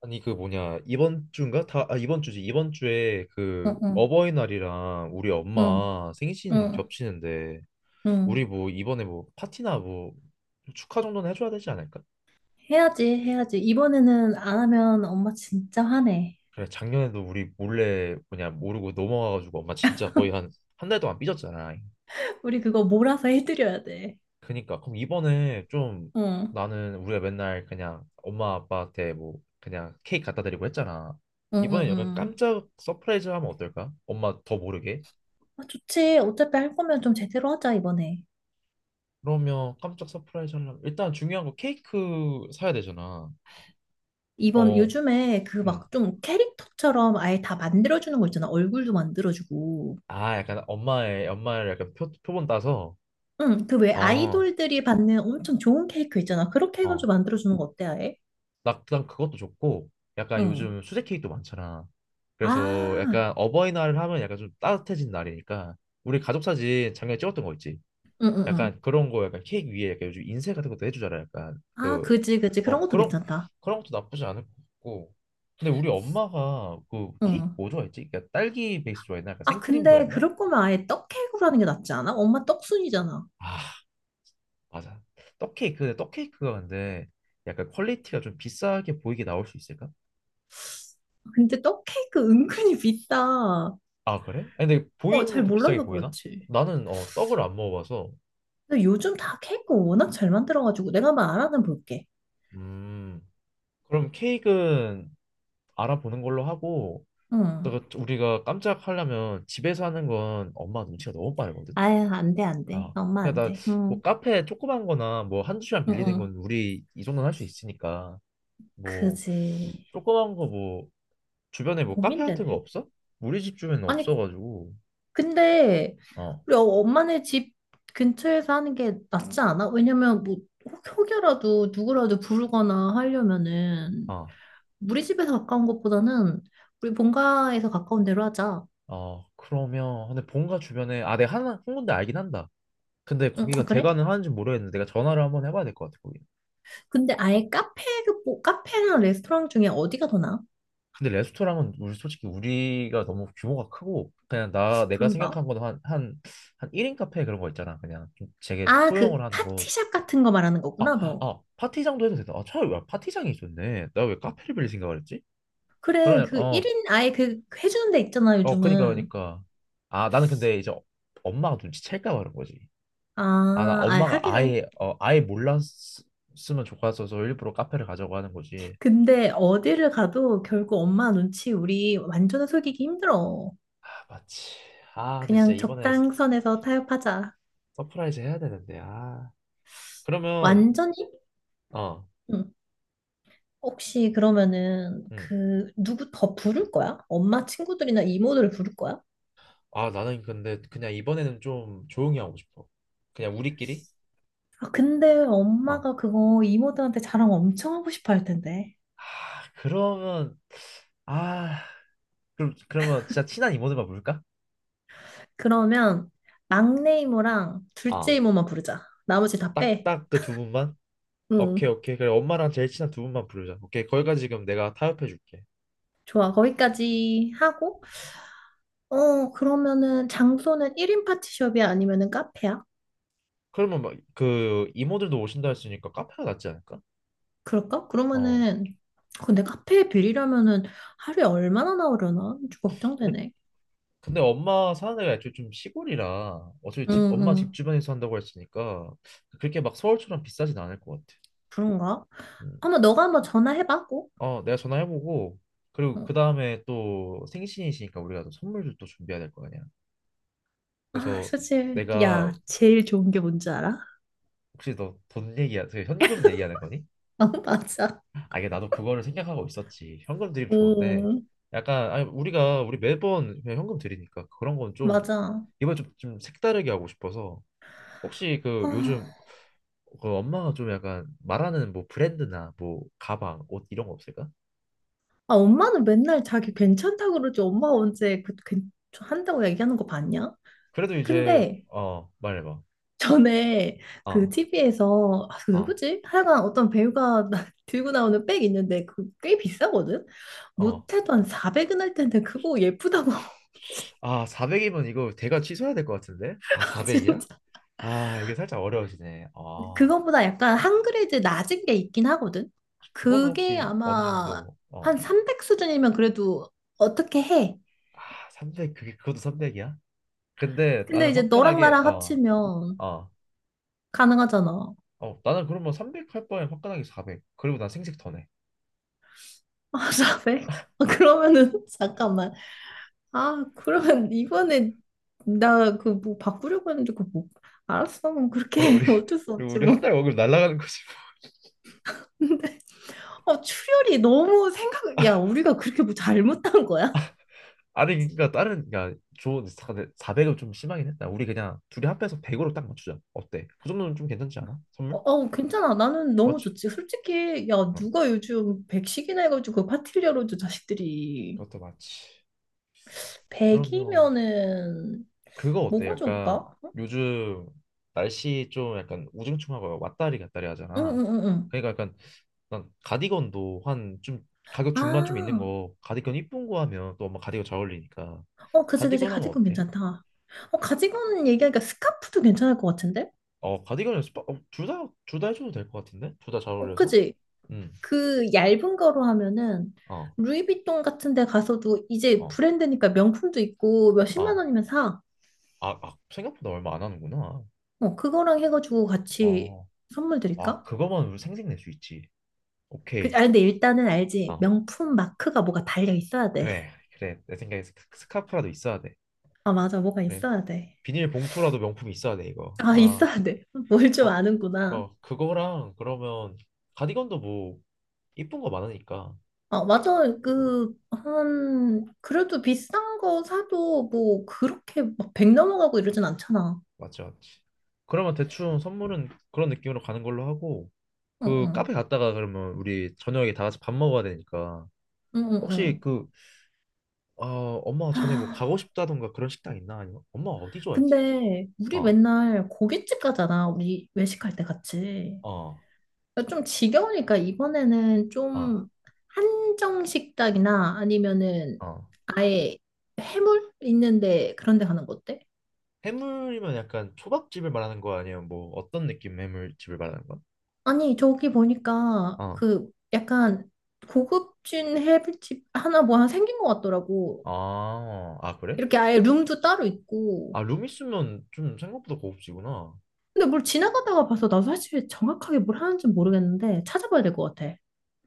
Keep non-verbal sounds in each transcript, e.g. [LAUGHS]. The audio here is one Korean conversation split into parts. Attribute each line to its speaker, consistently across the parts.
Speaker 1: 아니 그 뭐냐 이번 주인가 이번 주지 이번 주에 그
Speaker 2: 응, 응,
Speaker 1: 어버이날이랑 우리
Speaker 2: 응,
Speaker 1: 엄마 생신
Speaker 2: 응,
Speaker 1: 겹치는데 우리
Speaker 2: 응.
Speaker 1: 뭐 이번에 뭐 파티나 뭐 축하 정도는 해줘야 되지 않을까?
Speaker 2: 해야지, 해야지. 이번에는 안 하면 엄마 진짜 화내.
Speaker 1: 그래 작년에도 우리 몰래 뭐냐 모르고 넘어가가지고 엄마 진짜 거의 한 한 달 동안 삐졌잖아.
Speaker 2: [LAUGHS] 우리 그거 몰아서 해드려야 돼.
Speaker 1: 그니까 그럼 이번에 좀
Speaker 2: 응,
Speaker 1: 나는 우리가 맨날 그냥 엄마 아빠한테 뭐 그냥 케이크 갖다 드리고 했잖아.
Speaker 2: 응, 응,
Speaker 1: 이번엔 약간
Speaker 2: 응.
Speaker 1: 깜짝 서프라이즈 하면 어떨까? 엄마 더 모르게.
Speaker 2: 아, 좋지. 어차피 할 거면 좀 제대로 하자, 이번에.
Speaker 1: 그러면 깜짝 서프라이즈 하려면 일단 중요한 거 케이크 사야 되잖아.
Speaker 2: 이번
Speaker 1: 어,
Speaker 2: 요즘에 그
Speaker 1: 음.
Speaker 2: 막 좀 캐릭터처럼 아예 다 만들어주는 거 있잖아. 얼굴도 만들어주고.
Speaker 1: 아, 약간 엄마의 엄마를 약간 표본 따서.
Speaker 2: 응, 그 왜
Speaker 1: 어,
Speaker 2: 아이돌들이 받는 엄청 좋은 케이크 있잖아. 그렇게 해가지고
Speaker 1: 어.
Speaker 2: 만들어주는 거 어때, 아예?
Speaker 1: 나그 그것도 좋고, 약간
Speaker 2: 응.
Speaker 1: 요즘 수제 케이크도 많잖아. 그래서
Speaker 2: 아,
Speaker 1: 약간 어버이날 하면 약간 좀 따뜻해진 날이니까 우리 가족 사진 작년에 찍었던 거 있지?
Speaker 2: 응, 응, 응.
Speaker 1: 약간 그런 거 약간 케이크 위에 약간 요즘 인쇄 같은 것도 해주잖아 약간
Speaker 2: 아,
Speaker 1: 그
Speaker 2: 그지, 그지. 그런
Speaker 1: 어
Speaker 2: 것도
Speaker 1: 그런
Speaker 2: 괜찮다.
Speaker 1: 그런 것도 나쁘지 않을 것 같고 근데 우리 엄마가 그 케이크
Speaker 2: 응.
Speaker 1: 뭐 좋아했지? 그러니까 딸기 베이스 좋아했나? 약간
Speaker 2: 아,
Speaker 1: 생크림
Speaker 2: 근데
Speaker 1: 좋아했나?
Speaker 2: 그럴 거면 아예 떡케이크로 하는 게 낫지 않아? 엄마 떡순이잖아.
Speaker 1: 아 맞아 떡 케이크가 근데 약간 퀄리티가 좀 비싸게 보이게 나올 수 있을까?
Speaker 2: 근데 떡케이크 은근히 비싸.
Speaker 1: 아 그래? 아니, 근데
Speaker 2: 어,
Speaker 1: 보이는
Speaker 2: 잘
Speaker 1: 것도 비싸게
Speaker 2: 몰라서
Speaker 1: 보이나?
Speaker 2: 그렇지.
Speaker 1: 나는 어 떡을 안 먹어봐서
Speaker 2: 근데 요즘 다 케이크 워낙 잘 만들어가지고 내가 한번 알아 볼게.
Speaker 1: 음 그럼 케이크는 알아보는 걸로 하고
Speaker 2: 응.
Speaker 1: 내가 우리가 깜짝 하려면 집에서 하는 건 엄마 눈치가 너무 빠르거든.
Speaker 2: 아유, 안 돼, 안 돼.
Speaker 1: 아,
Speaker 2: 엄마 안
Speaker 1: 그러니까 나
Speaker 2: 돼.
Speaker 1: 뭐
Speaker 2: 응.
Speaker 1: 카페 조그만 거나 뭐 한두 시간
Speaker 2: 응,
Speaker 1: 빌리는
Speaker 2: 응.
Speaker 1: 건 우리 이 정도는 할 수 있으니까 뭐
Speaker 2: 그지.
Speaker 1: 조그만 거 뭐 주변에 뭐 카페 같은 거
Speaker 2: 고민되네.
Speaker 1: 없어? 우리 집 주변에
Speaker 2: 아니,
Speaker 1: 없어가지고
Speaker 2: 근데
Speaker 1: 어,
Speaker 2: 우리 엄마네 집 근처에서 하는 게 낫지 않아? 왜냐면 뭐 혹여라도 누구라도 부르거나 하려면은
Speaker 1: 아,
Speaker 2: 우리 집에서 가까운 것보다는 우리 본가에서 가까운 데로 하자.
Speaker 1: 어 그러면 근데 본가 주변에 아 내가 하나 한 군데 알긴 한다. 근데
Speaker 2: 응, 아,
Speaker 1: 거기가
Speaker 2: 그래?
Speaker 1: 대관을 하는지 모르겠는데 내가 전화를 한번 해봐야 될 것 같아 거기.
Speaker 2: 근데 아예 카페, 그, 뭐, 카페랑 레스토랑 중에 어디가 더 나아?
Speaker 1: 근데 레스토랑은 우리 솔직히 우리가 너무 규모가 크고 그냥 나 내가
Speaker 2: 그런가?
Speaker 1: 생각한 건 한 1인 카페 그런 거 있잖아. 그냥 좀 되게
Speaker 2: 아, 그
Speaker 1: 소형을 하는 곳.
Speaker 2: 파티샵 같은 거 말하는
Speaker 1: 아,
Speaker 2: 거구나, 너.
Speaker 1: 아, 파티장도 해도 되다. 아, 차라리 왜 파티장이 있었네. 나 왜 카페를 빌릴 생각을 했지?
Speaker 2: 그래,
Speaker 1: 그러냐,
Speaker 2: 그
Speaker 1: 어,
Speaker 2: 1인 아예 그 해주는 데 있잖아,
Speaker 1: 어,
Speaker 2: 요즘은.
Speaker 1: 그니까. 아, 나는 근데 이제 엄마가 눈치챌까 봐 그런 거지.
Speaker 2: 아,
Speaker 1: 아, 나
Speaker 2: 아,
Speaker 1: 엄마가
Speaker 2: 하기는.
Speaker 1: 아예, 어, 아예 몰랐으면 좋겠어서 일부러 카페를 가자고 하는 거지.
Speaker 2: 근데 어디를 가도 결국 엄마 눈치 우리 완전 히 속이기 힘들어.
Speaker 1: 아, 맞지. 아, 근데 진짜
Speaker 2: 그냥
Speaker 1: 이번에
Speaker 2: 적당선에서 타협하자.
Speaker 1: 서프라이즈 해야 되는데, 아. 그러면,
Speaker 2: 완전히?
Speaker 1: 어.
Speaker 2: 응. 혹시 그러면은
Speaker 1: 음.
Speaker 2: 그 누구 더 부를 거야? 엄마 친구들이나 이모들을 부를 거야?
Speaker 1: 아, 나는 근데 그냥 이번에는 좀 조용히 하고 싶어. 그냥 우리끼리?
Speaker 2: 아 근데
Speaker 1: 어.
Speaker 2: 엄마가 그거 이모들한테 자랑 엄청 하고 싶어 할 텐데.
Speaker 1: 아, 그러면 아, 그럼 그러면 진짜 친한 이모들만 부를까?
Speaker 2: 그러면 막내 이모랑 둘째
Speaker 1: 아,
Speaker 2: 이모만 부르자. 나머지 다 빼.
Speaker 1: 딱딱 그 두 분만? 오케이,
Speaker 2: 응.
Speaker 1: 오케이. 그래, 엄마랑 제일 친한 두 분만 부르자. 오케이, 거기까지 지금 내가 타협해 줄게.
Speaker 2: 좋아. 거기까지 하고 그러면은 장소는 1인 파티숍이야 아니면은 카페야?
Speaker 1: 그러면 막 그 이모들도 오신다 했으니까 카페가 낫지 않을까?
Speaker 2: 그럴까?
Speaker 1: 어.
Speaker 2: 그러면은 근데 카페에 빌리려면은 하루에 얼마나 나오려나? 좀
Speaker 1: 근데,
Speaker 2: 걱정되네.
Speaker 1: 근데 엄마 사는 데가 애초에 좀 시골이라 어차피 집
Speaker 2: 응응.
Speaker 1: 엄마 집 주변에서 한다고 했으니까 그렇게 막 서울처럼 비싸진 않을 것 같아.
Speaker 2: 그런가?
Speaker 1: 음.
Speaker 2: 한번 너가 한번 전화해봐 꼭.
Speaker 1: 어, 내가 전화해보고 그리고 그
Speaker 2: 어.
Speaker 1: 다음에 또 생신이시니까 우리가 또 선물도 또 준비해야 될 거 아니야.
Speaker 2: 아
Speaker 1: 그래서
Speaker 2: 사실
Speaker 1: 내가
Speaker 2: 야 제일 좋은 게 뭔지 알아? [LAUGHS]
Speaker 1: 혹시 너 돈 얘기야, 그 현금 얘기하는 거니?
Speaker 2: 아 맞아.
Speaker 1: 아 이게 나도 그거를 생각하고 있었지. 현금 드리면 좋은데
Speaker 2: 음
Speaker 1: 약간 아니 우리가 우리 매번 그냥 현금 드리니까 그런 건 좀
Speaker 2: 맞아.
Speaker 1: 이번 좀 색다르게 하고 싶어서 혹시 그
Speaker 2: 아,
Speaker 1: 요즘 그 엄마가 좀 약간 말하는 뭐 브랜드나 뭐 가방, 옷 이런 거 없을까?
Speaker 2: 아, 엄마는 맨날 자기 괜찮다고 그러지 엄마가 언제 그, 그 한다고 얘기하는 거 봤냐?
Speaker 1: 그래도 이제
Speaker 2: 근데
Speaker 1: 어 말해봐.
Speaker 2: 전에 그
Speaker 1: 어
Speaker 2: TV에서 아, 그
Speaker 1: 어,
Speaker 2: 누구지? 하여간 어떤 배우가 [LAUGHS] 들고 나오는 백 있는데 그 꽤 비싸거든?
Speaker 1: 어.
Speaker 2: 못해도 한 400은 할 텐데 그거 예쁘다고
Speaker 1: 아, 400이면 이거 대가 취소해야 될 것 같은데? 아,
Speaker 2: [LAUGHS]
Speaker 1: 400이야?
Speaker 2: 진짜.
Speaker 1: 아, 이게 살짝 어려워지네. 아,
Speaker 2: 그거보다 약간 한 그레이드 낮은 게 있긴 하거든?
Speaker 1: 그거는
Speaker 2: 그게
Speaker 1: 혹시 어느
Speaker 2: 아마
Speaker 1: 정도, 어,
Speaker 2: 한 300 수준이면 그래도 어떻게 해?
Speaker 1: 아, 300, 그게, 그것도 300이야? 근데 나는
Speaker 2: 근데 이제 너랑
Speaker 1: 화끈하게,
Speaker 2: 나랑
Speaker 1: 어,
Speaker 2: 합치면
Speaker 1: 어,
Speaker 2: 가능하잖아.
Speaker 1: 어, 나는 그러면 300 할 바에 화끈하게 400. 그리고 난 생색 더 내.
Speaker 2: 아, 400? 아, 그러면은, [LAUGHS] 잠깐만. 아, 그러면 이번에 나 그 뭐 바꾸려고 했는데 그 뭐, 알았어. 그럼 그렇게
Speaker 1: 어,
Speaker 2: 해.
Speaker 1: 우리,
Speaker 2: [LAUGHS] 어쩔 수
Speaker 1: 그리고
Speaker 2: 없지
Speaker 1: 우리 한
Speaker 2: 뭐.
Speaker 1: 달 월급 날라가는 거지. [LAUGHS]
Speaker 2: 근데, 출혈이 너무 생각, 야, 우리가 그렇게 뭐 잘못한 거야?
Speaker 1: 아니, 그러니까 다른, 그러니까 좋은, 400은 좀 심하긴 했다. 우리 그냥 둘이 합해서 100으로 딱 맞추자. 어때? 그 정도는 좀 괜찮지 않아?
Speaker 2: 어,
Speaker 1: 선물?
Speaker 2: 어, 괜찮아. 나는 너무
Speaker 1: 맞지?
Speaker 2: 좋지. 솔직히, 야,
Speaker 1: 응,
Speaker 2: 누가 요즘 100식이나 해가지고 파티를 열어 자식들이.
Speaker 1: 그것도 맞지. 그러면
Speaker 2: 100이면은,
Speaker 1: 그거 어때?
Speaker 2: 뭐가
Speaker 1: 약간
Speaker 2: 좋을까?
Speaker 1: 요즘 날씨 좀 약간 우중충하고 왔다리 갔다리
Speaker 2: 응,
Speaker 1: 하잖아.
Speaker 2: 응, 응, 응.
Speaker 1: 그러니까 약간 난 가디건도 한 좀 가격 중반 좀 있는
Speaker 2: 아,
Speaker 1: 거 가디건 이쁜 거 하면 또 엄마 가디건 잘 어울리니까
Speaker 2: 어, 그지, 그지.
Speaker 1: 가디건 하면
Speaker 2: 가디건
Speaker 1: 어때?
Speaker 2: 괜찮다. 어, 가디건 얘기하니까 스카프도 괜찮을 것 같은데?
Speaker 1: 어 가디건은 스파 어, 둘다둘 다 해줘도 될 것 같은데 둘 다 잘
Speaker 2: 어,
Speaker 1: 어울려서
Speaker 2: 그지? 그 얇은 거로 하면은,
Speaker 1: 음어어어아
Speaker 2: 루이비통 같은 데 가서도 이제 브랜드니까 명품도 있고 몇십만
Speaker 1: 아,
Speaker 2: 원이면 사.
Speaker 1: 아, 아, 생각보다 얼마 안 하는구나
Speaker 2: 어, 그거랑 해가지고 같이
Speaker 1: 어아
Speaker 2: 선물 드릴까?
Speaker 1: 그거만 우리 생색낼 수 있지
Speaker 2: 그,
Speaker 1: 오케이
Speaker 2: 아, 근데 일단은 알지.
Speaker 1: 어
Speaker 2: 명품 마크가 뭐가 달려 있어야 돼.
Speaker 1: 그래
Speaker 2: [LAUGHS]
Speaker 1: 그래 내 생각에 스카프라도 있어야 돼
Speaker 2: 아, 맞아. 뭐가
Speaker 1: 그래
Speaker 2: 있어야 돼.
Speaker 1: 비닐봉투라도 명품이 있어야 돼 이거.
Speaker 2: 아,
Speaker 1: 아,
Speaker 2: 있어야 돼. [LAUGHS] 뭘 좀
Speaker 1: 어,
Speaker 2: 아는구나.
Speaker 1: 어, 그거랑 그러면 가디건도 뭐 이쁜 거 많으니까.
Speaker 2: 아, 맞아.
Speaker 1: 음,
Speaker 2: 그, 한, 그래도 비싼 거 사도 뭐 그렇게 막 백 넘어가고 이러진 않잖아.
Speaker 1: 맞지, 맞지. 그러면 대충 선물은 그런 느낌으로 가는 걸로 하고
Speaker 2: 응,
Speaker 1: 그 카페
Speaker 2: 응.
Speaker 1: 갔다가 그러면 우리 저녁에 다 같이 밥 먹어야 되니까
Speaker 2: 응, 응,
Speaker 1: 혹시
Speaker 2: 응.
Speaker 1: 그 어, 엄마
Speaker 2: [GASPS]
Speaker 1: 전에 뭐 가고
Speaker 2: 하,
Speaker 1: 싶다던가 그런 식당 있나 아니면 엄마 어디 좋아했지?
Speaker 2: 근데 우리
Speaker 1: 어,
Speaker 2: 맨날 고깃집 가잖아. 우리 외식할 때 같이.
Speaker 1: 어,
Speaker 2: 그러니까 좀 지겨우니까 이번에는
Speaker 1: 어,
Speaker 2: 좀 한정 식당이나 아니면은
Speaker 1: 어.
Speaker 2: 아예 해물 있는데 그런 데 가는 거 어때?
Speaker 1: 해물이면 약간 초밥집을 말하는 거 아니면 뭐 어떤 느낌 해물집을 말하는 거야?
Speaker 2: 아니 저기 보니까
Speaker 1: 어.
Speaker 2: 그 약간 고급진 해물집 하나 뭐 하나 생긴 것 같더라고.
Speaker 1: 아, 아, 그래?
Speaker 2: 이렇게 아예 룸도 따로 있고.
Speaker 1: 아, 룸 있으면 좀 생각보다 고급지구나.
Speaker 2: 근데 뭘 지나가다가 봐서 나도 사실 정확하게 뭘 하는지 모르겠는데 찾아봐야 될 것 같아.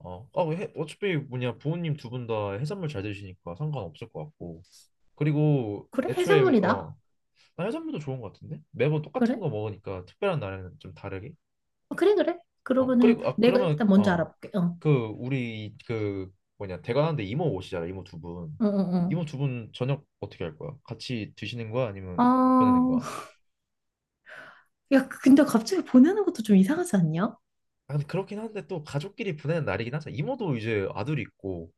Speaker 1: 어, 아, 그 해, 어차피 뭐냐 부모님 두 분 다 해산물 잘 드시니까 상관없을 것 같고. 그리고
Speaker 2: 그래?
Speaker 1: 애초에 우리-
Speaker 2: 해산물이다.
Speaker 1: 어, 나 해산물도 좋은 것 같은데 매번 똑같은
Speaker 2: 그래?
Speaker 1: 거 먹으니까 특별한 날에는 좀 다르게.
Speaker 2: 어, 그래 그래.
Speaker 1: 어,
Speaker 2: 그러면은
Speaker 1: 그리고 아
Speaker 2: 내가
Speaker 1: 그러면
Speaker 2: 일단 먼저
Speaker 1: 어,
Speaker 2: 알아볼게. 어.
Speaker 1: 그 우리 뭐냐 대관하는데 이모 오시잖아 이모 두 분.
Speaker 2: 어, 어, 어.
Speaker 1: 이모 두 분 저녁 어떻게 할 거야? 같이 드시는 거야 아니면 보내는
Speaker 2: 아,
Speaker 1: 거야?
Speaker 2: 야, 그, 근데 갑자기 보내는 것도 좀 이상하지 않냐?
Speaker 1: 아, 근데 그렇긴 한데 또 가족끼리 보내는 날이긴 하잖아. 이모도 이제 아들이 있고.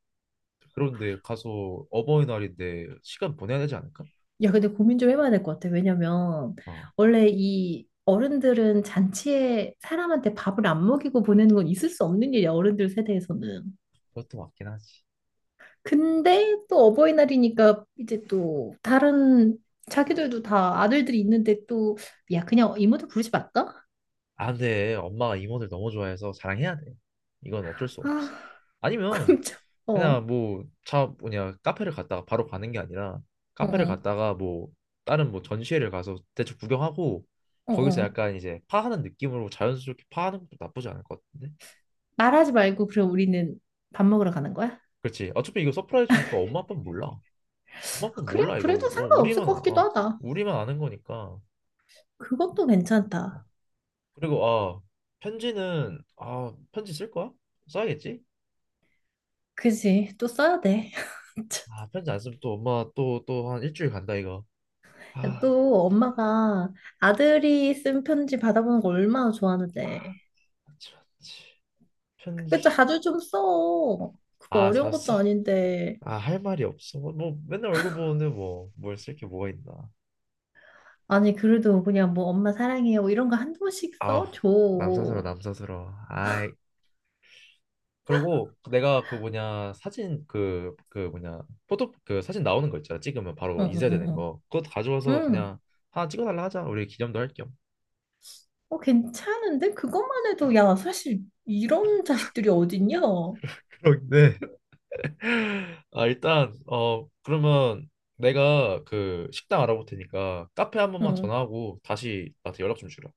Speaker 1: 그런데 가서 어버이날인데 시간 보내야 되지 않을까?
Speaker 2: 야, 근데 고민 좀 해봐야 될 것 같아. 왜냐면,
Speaker 1: 어,
Speaker 2: 원래 이 어른들은 잔치에 사람한테 밥을 안 먹이고 보내는 건 있을 수 없는 일이야, 어른들 세대에서는.
Speaker 1: 그것도 맞긴 하지.
Speaker 2: 근데 또 어버이날이니까 이제 또 다른 자기들도 다 아들들이 있는데 또, 야, 그냥 이모들 부르지 말까?
Speaker 1: 아, 근데 엄마가 임원을 너무 좋아해서 자랑해야 돼. 이건 어쩔 수 없어.
Speaker 2: 아, [LAUGHS]
Speaker 1: 아니면
Speaker 2: 그럼 참,
Speaker 1: 그냥
Speaker 2: 어,
Speaker 1: 뭐 차 뭐냐 카페를 갔다가 바로 가는 게 아니라
Speaker 2: 어,
Speaker 1: 카페를
Speaker 2: 어,
Speaker 1: 갔다가 뭐 다른 뭐 전시회를 가서 대충 구경하고
Speaker 2: 어.
Speaker 1: 거기서
Speaker 2: 어.
Speaker 1: 약간 이제 파하는 느낌으로 자연스럽게 파하는 것도 나쁘지 않을 것 같은데?
Speaker 2: 말하지 말고, 그럼 우리는 밥 먹으러 가는 거야?
Speaker 1: 그렇지. 어차피 이거 서프라이즈니까 엄마 아빠는 몰라. 엄마
Speaker 2: 아,
Speaker 1: 아빠는
Speaker 2: 그래?
Speaker 1: 몰라 이거.
Speaker 2: 그래도
Speaker 1: 어,
Speaker 2: 상관없을 것 같기도 하다.
Speaker 1: 우리만 아는 거니까.
Speaker 2: 그것도
Speaker 1: 어,
Speaker 2: 괜찮다.
Speaker 1: 그리고 아 편지는 아 편지 쓸 거야? 써야겠지?
Speaker 2: 그지? 또 써야 돼.
Speaker 1: 아
Speaker 2: [LAUGHS]
Speaker 1: 편지 안 쓰면 또 엄마 또 한 일주일 간다 이거. 아
Speaker 2: 또 엄마가 아들이 쓴 편지 받아보는 거 얼마나 좋아하는데.
Speaker 1: 맞지 맞지
Speaker 2: 그거
Speaker 1: 편지
Speaker 2: 자주 좀 써. 그거
Speaker 1: 아
Speaker 2: 어려운
Speaker 1: 잘쓰
Speaker 2: 것도 아닌데.
Speaker 1: 아할 말이 없어 맨날 얼굴 보는데 뭘 쓸 게 뭐가 있나
Speaker 2: 아니, 그래도 그냥 뭐 엄마 사랑해요. 뭐 이런 거 한두 번씩
Speaker 1: 아우
Speaker 2: 써줘.
Speaker 1: 남사스러워
Speaker 2: 응,
Speaker 1: 남사스러워 아이 그리고 내가 그 뭐냐 사진 뭐냐 포토 그 사진 나오는 거 있잖아 찍으면 바로
Speaker 2: 응,
Speaker 1: 인쇄되는
Speaker 2: 응.
Speaker 1: 거 그것
Speaker 2: 응.
Speaker 1: 가져와서
Speaker 2: 응.
Speaker 1: 그냥 하나 찍어달라 하자 우리 기념도 할겸
Speaker 2: 어, 괜찮은데? 그것만 해도, 야, 사실 이런 자식들이 어딨냐?
Speaker 1: [LAUGHS] 그런네 [LAUGHS] 아, 일단 어 그러면 내가 그 식당 알아볼 테니까 카페 한 번만
Speaker 2: 응.
Speaker 1: 전화하고 다시 나한테 연락 좀 주라.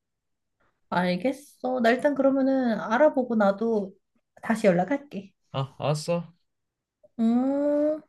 Speaker 2: 알겠어. 나 일단 그러면은 알아보고 나도 다시 연락할게.
Speaker 1: 아, 알았어.
Speaker 2: 음.